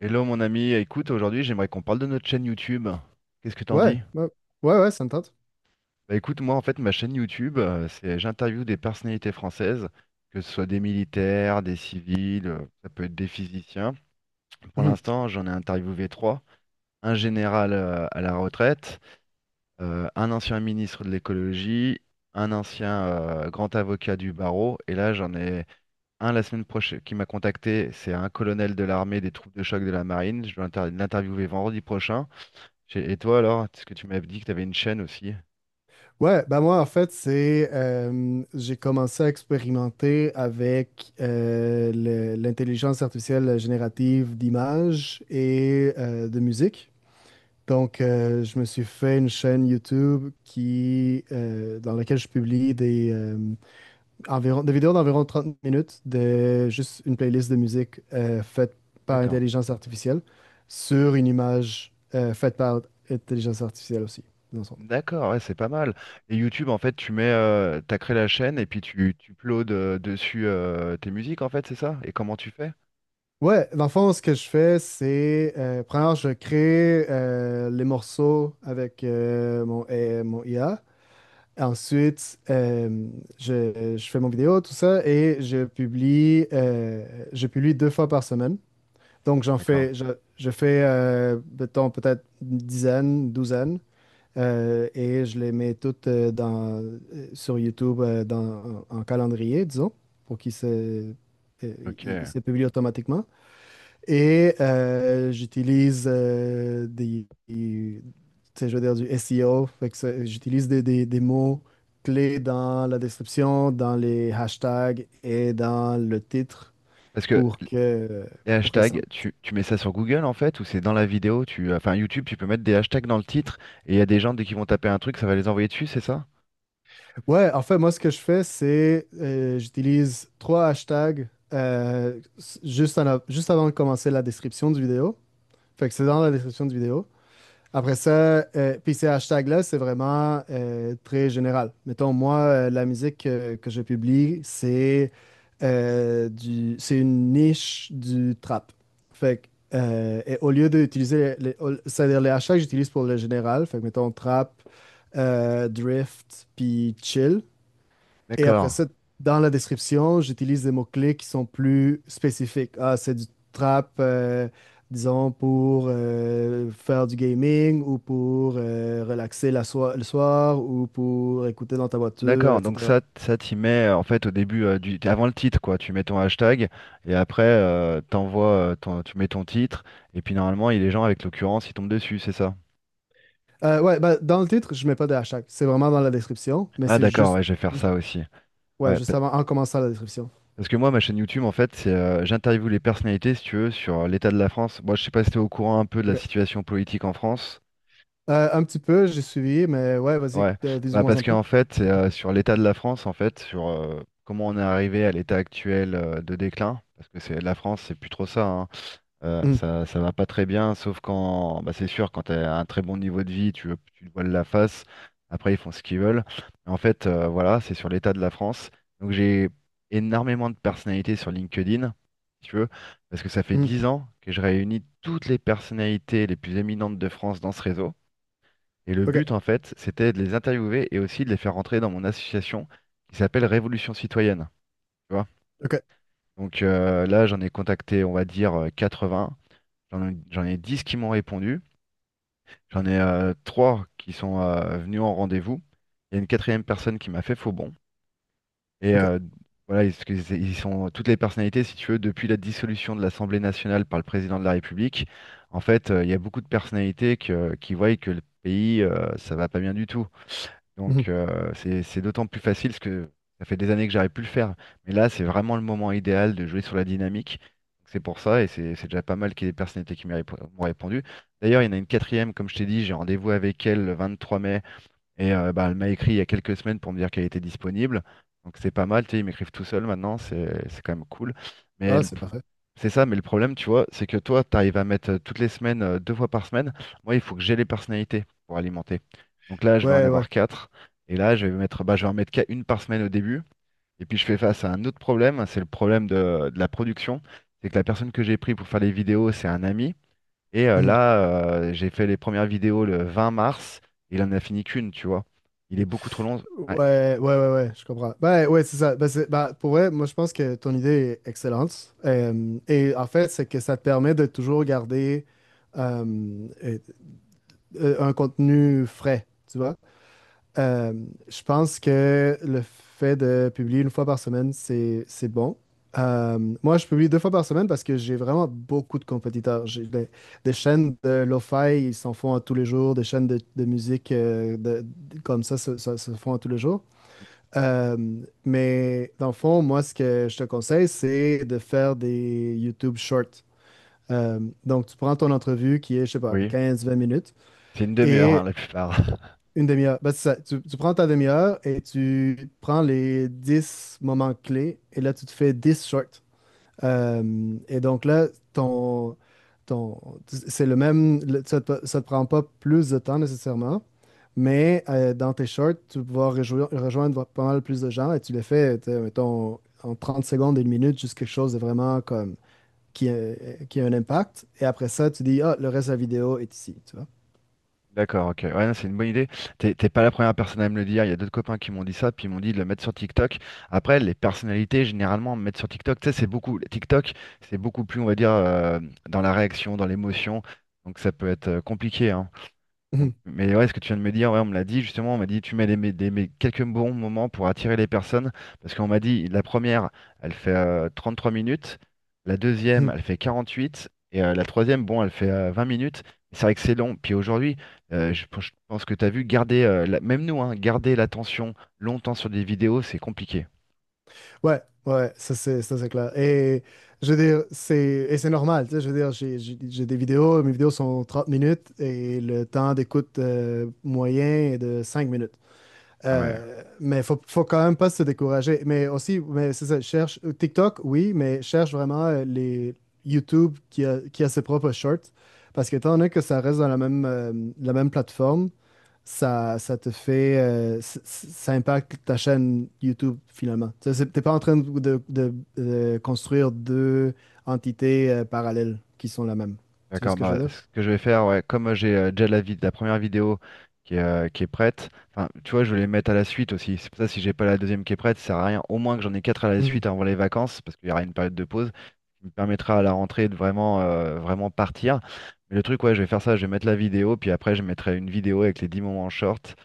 Hello mon ami, écoute, aujourd'hui j'aimerais qu'on parle de notre chaîne YouTube. Qu'est-ce que t'en Ouais, dis? ouais, ouais, ouais, ça me tente. Bah écoute, moi en fait ma chaîne YouTube, c'est j'interviewe des personnalités françaises, que ce soit des militaires, des civils, ça peut être des physiciens. Pour Mhm. l'instant j'en ai interviewé trois, un général à la retraite, un ancien ministre de l'écologie, un ancien grand avocat du barreau, et là j'en ai un la semaine prochaine qui m'a contacté, c'est un colonel de l'armée des troupes de choc de la marine, je dois l'interviewer vendredi prochain. Et toi alors, est-ce que tu m'as dit que tu avais une chaîne aussi? Ouais, bah moi, en fait, c'est. J'ai commencé à expérimenter avec l'intelligence artificielle générative d'images et de musique. Donc, je me suis fait une chaîne YouTube dans laquelle je publie environ, des vidéos d'environ 30 minutes de juste une playlist de musique faite par D'accord. intelligence artificielle sur une image faite par intelligence artificielle aussi, dans le fond. D'accord, ouais, c'est pas mal. Et YouTube, en fait, tu mets, t'as créé la chaîne et puis tu uploades dessus tes musiques, en fait, c'est ça? Et comment tu fais? Ouais, dans le fond, ce que je fais, c'est, premièrement, je crée les morceaux avec mon IA. Ensuite, je fais mon vidéo, tout ça, et je publie deux fois par semaine. Donc, D'accord. Je fais, mettons, peut-être une dizaine, douzaine, et je les mets toutes sur YouTube en calendrier, disons, pour qu'ils se, euh, ils- ils Ok. se publient automatiquement. Et j'utilise tu sais, je veux dire, du SEO, fait que j'utilise des mots clés dans la description, dans les hashtags et dans le titre Parce que pour que, les pour que ça. hashtags, tu mets ça sur Google, en fait, ou c'est dans la vidéo, tu, enfin, YouTube, tu peux mettre des hashtags dans le titre et il y a des gens, dès qu'ils vont taper un truc, ça va les envoyer dessus, c'est ça? Ouais, en fait, moi, ce que je fais, c'est j'utilise trois hashtags juste, juste avant de commencer la description du vidéo. Fait que c'est dans la description du vidéo. Après ça, puis ces hashtags-là, c'est vraiment très général. Mettons, moi, la musique que je publie, c'est c'est une niche du trap. Fait que, et au lieu d'utiliser, c'est-à-dire les hashtags, que j'utilise pour le général. Fait que, mettons, trap, drift, puis chill. Et après D'accord. ça, dans la description, j'utilise des mots-clés qui sont plus spécifiques. Ah, c'est du trap, disons, pour faire du gaming ou pour relaxer le soir ou pour écouter dans ta voiture, D'accord, donc etc. ça t'y mets en fait au début, du, avant le titre, quoi. Tu mets ton hashtag et après t'envoies, tu mets ton titre et puis normalement les gens avec l'occurrence ils tombent dessus, c'est ça? Ouais, bah, dans le titre, je mets pas de hashtag. C'est vraiment dans la description, mais Ah c'est d'accord, juste, ouais, je vais faire juste, ça aussi. ouais, Ouais, juste avant, en commençant la description. parce que moi ma chaîne YouTube en fait c'est j'interviewe les personnalités si tu veux sur l'état de la France. Moi je sais pas si t'es au courant un peu de la Ok. situation politique en France. Un petit peu, j'ai suivi, mais ouais, vas-y, Ouais, bah dis-moi parce en plus. qu'en fait c'est sur l'état de la France en fait sur comment on est arrivé à l'état actuel de déclin parce que c'est la France c'est plus trop ça, hein. Mhm, Ça, ça va pas très bien, sauf quand, bah, c'est sûr, quand tu as un très bon niveau de vie, tu te voiles la face. Après, ils font ce qu'ils veulent. En fait, voilà, c'est sur l'état de la France. Donc, j'ai énormément de personnalités sur LinkedIn, si tu veux, parce que ça fait mhm. 10 ans que je réunis toutes les personnalités les plus éminentes de France dans ce réseau. Et le OK, but, en fait, c'était de les interviewer et aussi de les faire rentrer dans mon association qui s'appelle Révolution Citoyenne, tu vois. OK, Donc là, j'en ai contacté, on va dire, 80. J'en ai 10 qui m'ont répondu. J'en ai trois qui sont venus en rendez-vous. Il y a une quatrième personne qui m'a fait faux bon. Et OK. Voilà, ils, parce que ils sont toutes les personnalités, si tu veux, depuis la dissolution de l'Assemblée nationale par le président de la République. En fait, il y a beaucoup de personnalités qui voient que le pays, ça va pas bien du tout. Mhm. Donc c'est d'autant plus facile parce que ça fait des années que j'arrive plus le faire. Mais là, c'est vraiment le moment idéal de jouer sur la dynamique. Donc, c'est pour ça et c'est déjà pas mal qu'il y ait des personnalités qui m'ont répondu. D'ailleurs, il y en a une quatrième, comme je t'ai dit, j'ai rendez-vous avec elle le 23 mai et bah, elle m'a écrit il y a quelques semaines pour me dire qu'elle était disponible. Donc c'est pas mal, tu sais, ils m'écrivent tout seul maintenant, c'est quand même cool. Mais Ah, c'est parfait. c'est ça, mais le problème, tu vois, c'est que toi, tu arrives à mettre toutes les semaines, deux fois par semaine. Moi, il faut que j'ai les personnalités pour alimenter. Donc là, je vais en Ouais, ouais. avoir quatre. Et là, je vais mettre, bah, je vais en mettre qu'à une par semaine au début. Et puis, je fais face à un autre problème, c'est le problème de la production. C'est que la personne que j'ai pris pour faire les vidéos, c'est un ami. Et Mhm. là, j'ai fait les premières vidéos le 20 mars. Il en a fini qu'une, tu vois. Il est beaucoup trop long. Ouais, Ouais, ouais, ouais, ouais, je comprends. Ben, ouais, c'est ça. Ben, ben, pour vrai, moi, je pense que ton idée est excellente. Et en fait, c'est que ça te permet de toujours garder euh, euh, un contenu frais, tu vois. Euh, je pense que le fait de publier une fois par semaine, c'est bon. Moi, je publie deux fois par semaine parce que j'ai vraiment beaucoup de compétiteurs. J'ai des chaînes de lo-fi, ils s'en font à tous les jours. Des chaînes de musique comme ça se font à tous les jours. Euh, mais dans le fond, moi, ce que je te conseille, c'est de faire des YouTube Shorts. Euh, donc, tu prends ton entrevue qui est, je sais pas, oui. 15-20 minutes C'est une demi-heure, hein, et la plupart. une demi-heure. Ben, c'est ça. Tu prends ta demi-heure et tu prends les 10 moments clés et là, tu te fais 10 shorts. Et donc là, ton, c'est le même, ça te prend pas plus de temps nécessairement, mais dans tes shorts, tu vas pouvoir rejoindre pas mal plus de gens et tu les fais, tu sais, mettons, en 30 secondes, une minute, juste quelque chose de vraiment comme qui a, qui a un impact. Et après ça, tu dis, ah, le reste de la vidéo est ici, tu vois. D'accord, ok. Ouais, non, c'est une bonne idée. T'es pas la première personne à me le dire. Il y a d'autres copains qui m'ont dit ça, puis ils m'ont dit de le mettre sur TikTok. Après, les personnalités, généralement, me mettre sur TikTok, tu sais, c'est beaucoup. TikTok, c'est beaucoup plus, on va dire, dans la réaction, dans l'émotion. Donc ça peut être compliqué, hein. Donc, mais ouais, ce que tu viens de me dire, ouais, on me l'a dit justement, on m'a dit tu mets les, quelques bons moments pour attirer les personnes, parce qu'on m'a dit la première, elle fait 3 minutes, la deuxième, elle fait 48 et la troisième, bon, elle fait 20 minutes. C'est vrai que c'est long. Puis aujourd'hui, je pense que tu as vu, garder, même nous, hein, garder l'attention longtemps sur des vidéos, c'est compliqué. Ouais, ouais, ça c'est clair. Et je veux dire, c'est et c'est normal, tu sais, je veux dire, j'ai des vidéos, mes vidéos sont 30 minutes et le temps d'écoute moyen est de 5 minutes. Ah ouais. Mais faut quand même pas se décourager. Mais aussi, mais c'est ça, cherche TikTok, oui, mais cherche vraiment les YouTube qui a ses propres shorts parce que étant donné que ça reste dans la même plateforme, ça te fait, c- c- ça impacte ta chaîne YouTube finalement. Tu sais, t'es pas en train de construire deux entités parallèles qui sont la même. Tu vois ce D'accord, que je bah, veux dire? ce que je vais faire, ouais, comme j'ai déjà la, la première vidéo qui est prête, enfin, tu vois, je vais les mettre à la suite aussi. C'est pour ça, si j'ai pas la deuxième qui est prête, ça sert à rien. Au moins que j'en ai quatre à la Mhm, suite avant les vacances, parce qu'il y aura une période de pause, qui me permettra à la rentrée de vraiment, vraiment partir. Mais le truc, ouais, je vais faire ça, je vais mettre la vidéo, puis après, je mettrai une vidéo avec les 10 moments short,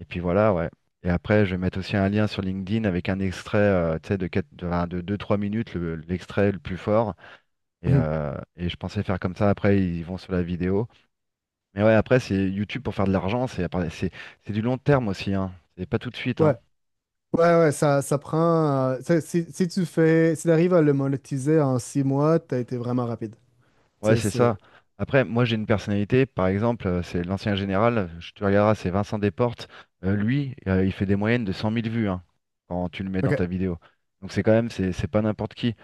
et puis voilà, ouais. Et après, je vais mettre aussi un lien sur LinkedIn avec un extrait, tu sais, de quatre, de enfin, de deux, trois minutes, l'extrait le plus fort. Mhm. Et je pensais faire comme ça, après ils vont sur la vidéo. Mais ouais, après c'est YouTube pour faire de l'argent, c'est du long terme aussi, hein. C'est pas tout de suite, Ouais, hein. ouais, ouais, ça prend. Tu sais, si tu arrives à le monétiser en 6 mois, t'as été vraiment rapide. Ouais, C'est, c'est c'est. ça. Après, moi j'ai une personnalité, par exemple, c'est l'ancien général, je te regarderas, c'est Vincent Desportes. Lui, il fait des moyennes de 100 000 vues, hein, quand tu le mets dans OK. ta vidéo. Donc c'est quand même, c'est pas n'importe qui.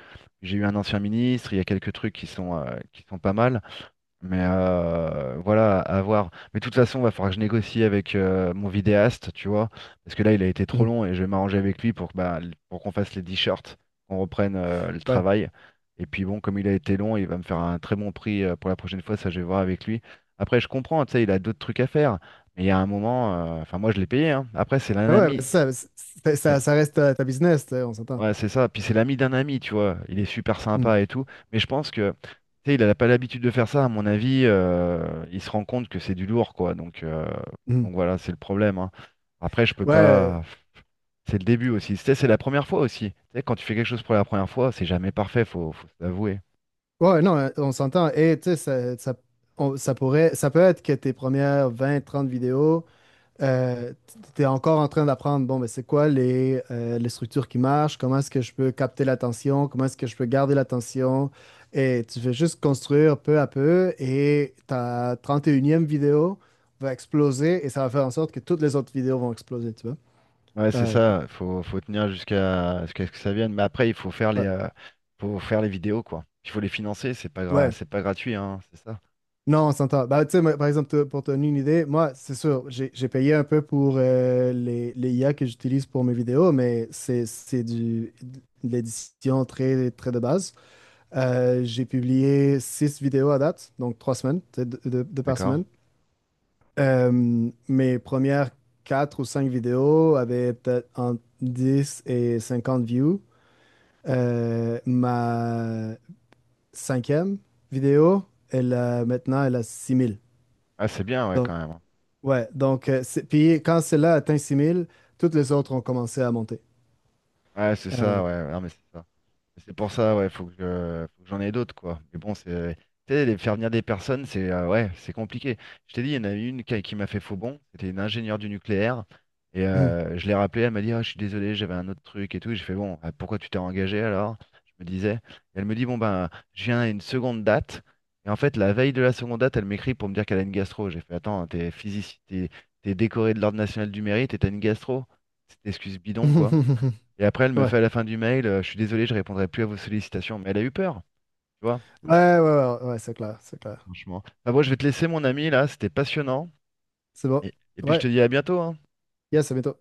J'ai eu un ancien ministre, il y a quelques trucs qui sont pas mal. Mais voilà, à voir. Mais de toute façon, va falloir que je négocie avec mon vidéaste, tu vois, parce que là, il a été trop Mhm. long et je vais m'arranger avec lui pour que, bah, pour qu'on fasse les t-shirts, qu'on reprenne le Ouais. travail. Et puis bon, comme il a été long, il va me faire un très bon prix pour la prochaine fois, ça je vais voir avec lui. Après, je comprends, tu sais, il a d'autres trucs à faire, mais il y a un moment, enfin moi je l'ai payé, hein. Après, c'est un Ouais, ouais, mais ami, ça, ça reste ta business, tu sais, on s'entend. Ouais, c'est ça. Puis c'est l'ami d'un ami, tu vois. Il est super Mhm, sympa et tout. Mais je pense que, tu sais, il n'a pas l'habitude de faire ça. À mon avis, il se rend compte que c'est du lourd, quoi. Mhm. Donc voilà, c'est le problème, hein. Après, je peux Ouais, pas. C'est le début aussi. Tu sais, c'est la première fois aussi. Tu sais, quand tu fais quelque chose pour la première fois, c'est jamais parfait, faut se l'avouer. ouais, non, on s'entend. Et tu sais, ça, ça peut être que tes premières 20 30 vidéos, euh, tu es encore en train d'apprendre, bon, mais c'est quoi les structures qui marchent, comment est-ce que je peux capter l'attention, comment est-ce que je peux garder l'attention. Et tu fais juste construire peu à peu et ta 31e vidéo va exploser et ça va faire en sorte que toutes les autres vidéos vont exploser, tu vois. Ouais, c'est Euh, ça. Faut tenir jusqu'à ce que ça vienne. Mais après, il ouais. Faut faire les vidéos, quoi. Il faut les financer. C'est pas gra- Ouais. c'est pas gratuit, hein. C'est ça. Non, on s'entend. Bah, tu sais, moi, par exemple, pour te donner une idée, moi, c'est sûr, j'ai payé un peu pour les IA que j'utilise pour mes vidéos, mais c'est de l'édition très, très de base. J'ai publié six vidéos à date, donc 3 semaines, tu sais, deux par D'accord? semaine. Mes premières quatre ou cinq vidéos avaient peut-être entre 10 et 50 views. Ma cinquième vidéo, maintenant, elle a 6 000. Ah, c'est bien, ouais, quand même. Ouais, donc, puis quand celle-là a atteint 6 000, toutes les autres ont commencé à monter. Ouais, c'est ça, Euh, ouais, ouais, non, mais c'est ça. Mais c'est pour ça, ouais, faut que j'en ai d'autres, quoi. Mais bon, c'est, tu sais, les faire venir des personnes, c'est, ouais, c'est compliqué. Je t'ai dit, il y en a eu une qui m'a fait faux bond. C'était une ingénieure du nucléaire. Et hmm. Je l'ai rappelée, elle m'a dit, ah, je suis désolé, j'avais un autre truc et tout. Et j'ai fait, bon, ah, pourquoi tu t'es engagé alors? Je me disais. Et elle me dit, bon, ben, je viens à une seconde date. Et en fait, la veille de la seconde date, elle m'écrit pour me dire qu'elle a une gastro. J'ai fait, attends, t'es physicien, t'es décoré de l'Ordre national du mérite et t'as une gastro. C'est une excuse bidon, quoi. Et après, elle me fait Ouais. à la fin du mail, je suis désolé, je répondrai plus à vos sollicitations. Mais elle a eu peur, tu vois, Ouais, ouais, ouais, ouais, c'est clair, c'est clair. franchement. Enfin bon, je vais te laisser, mon ami, là, c'était passionnant. C'est bon. Et puis je Ouais, te dis à bientôt, hein. yes, à bientôt.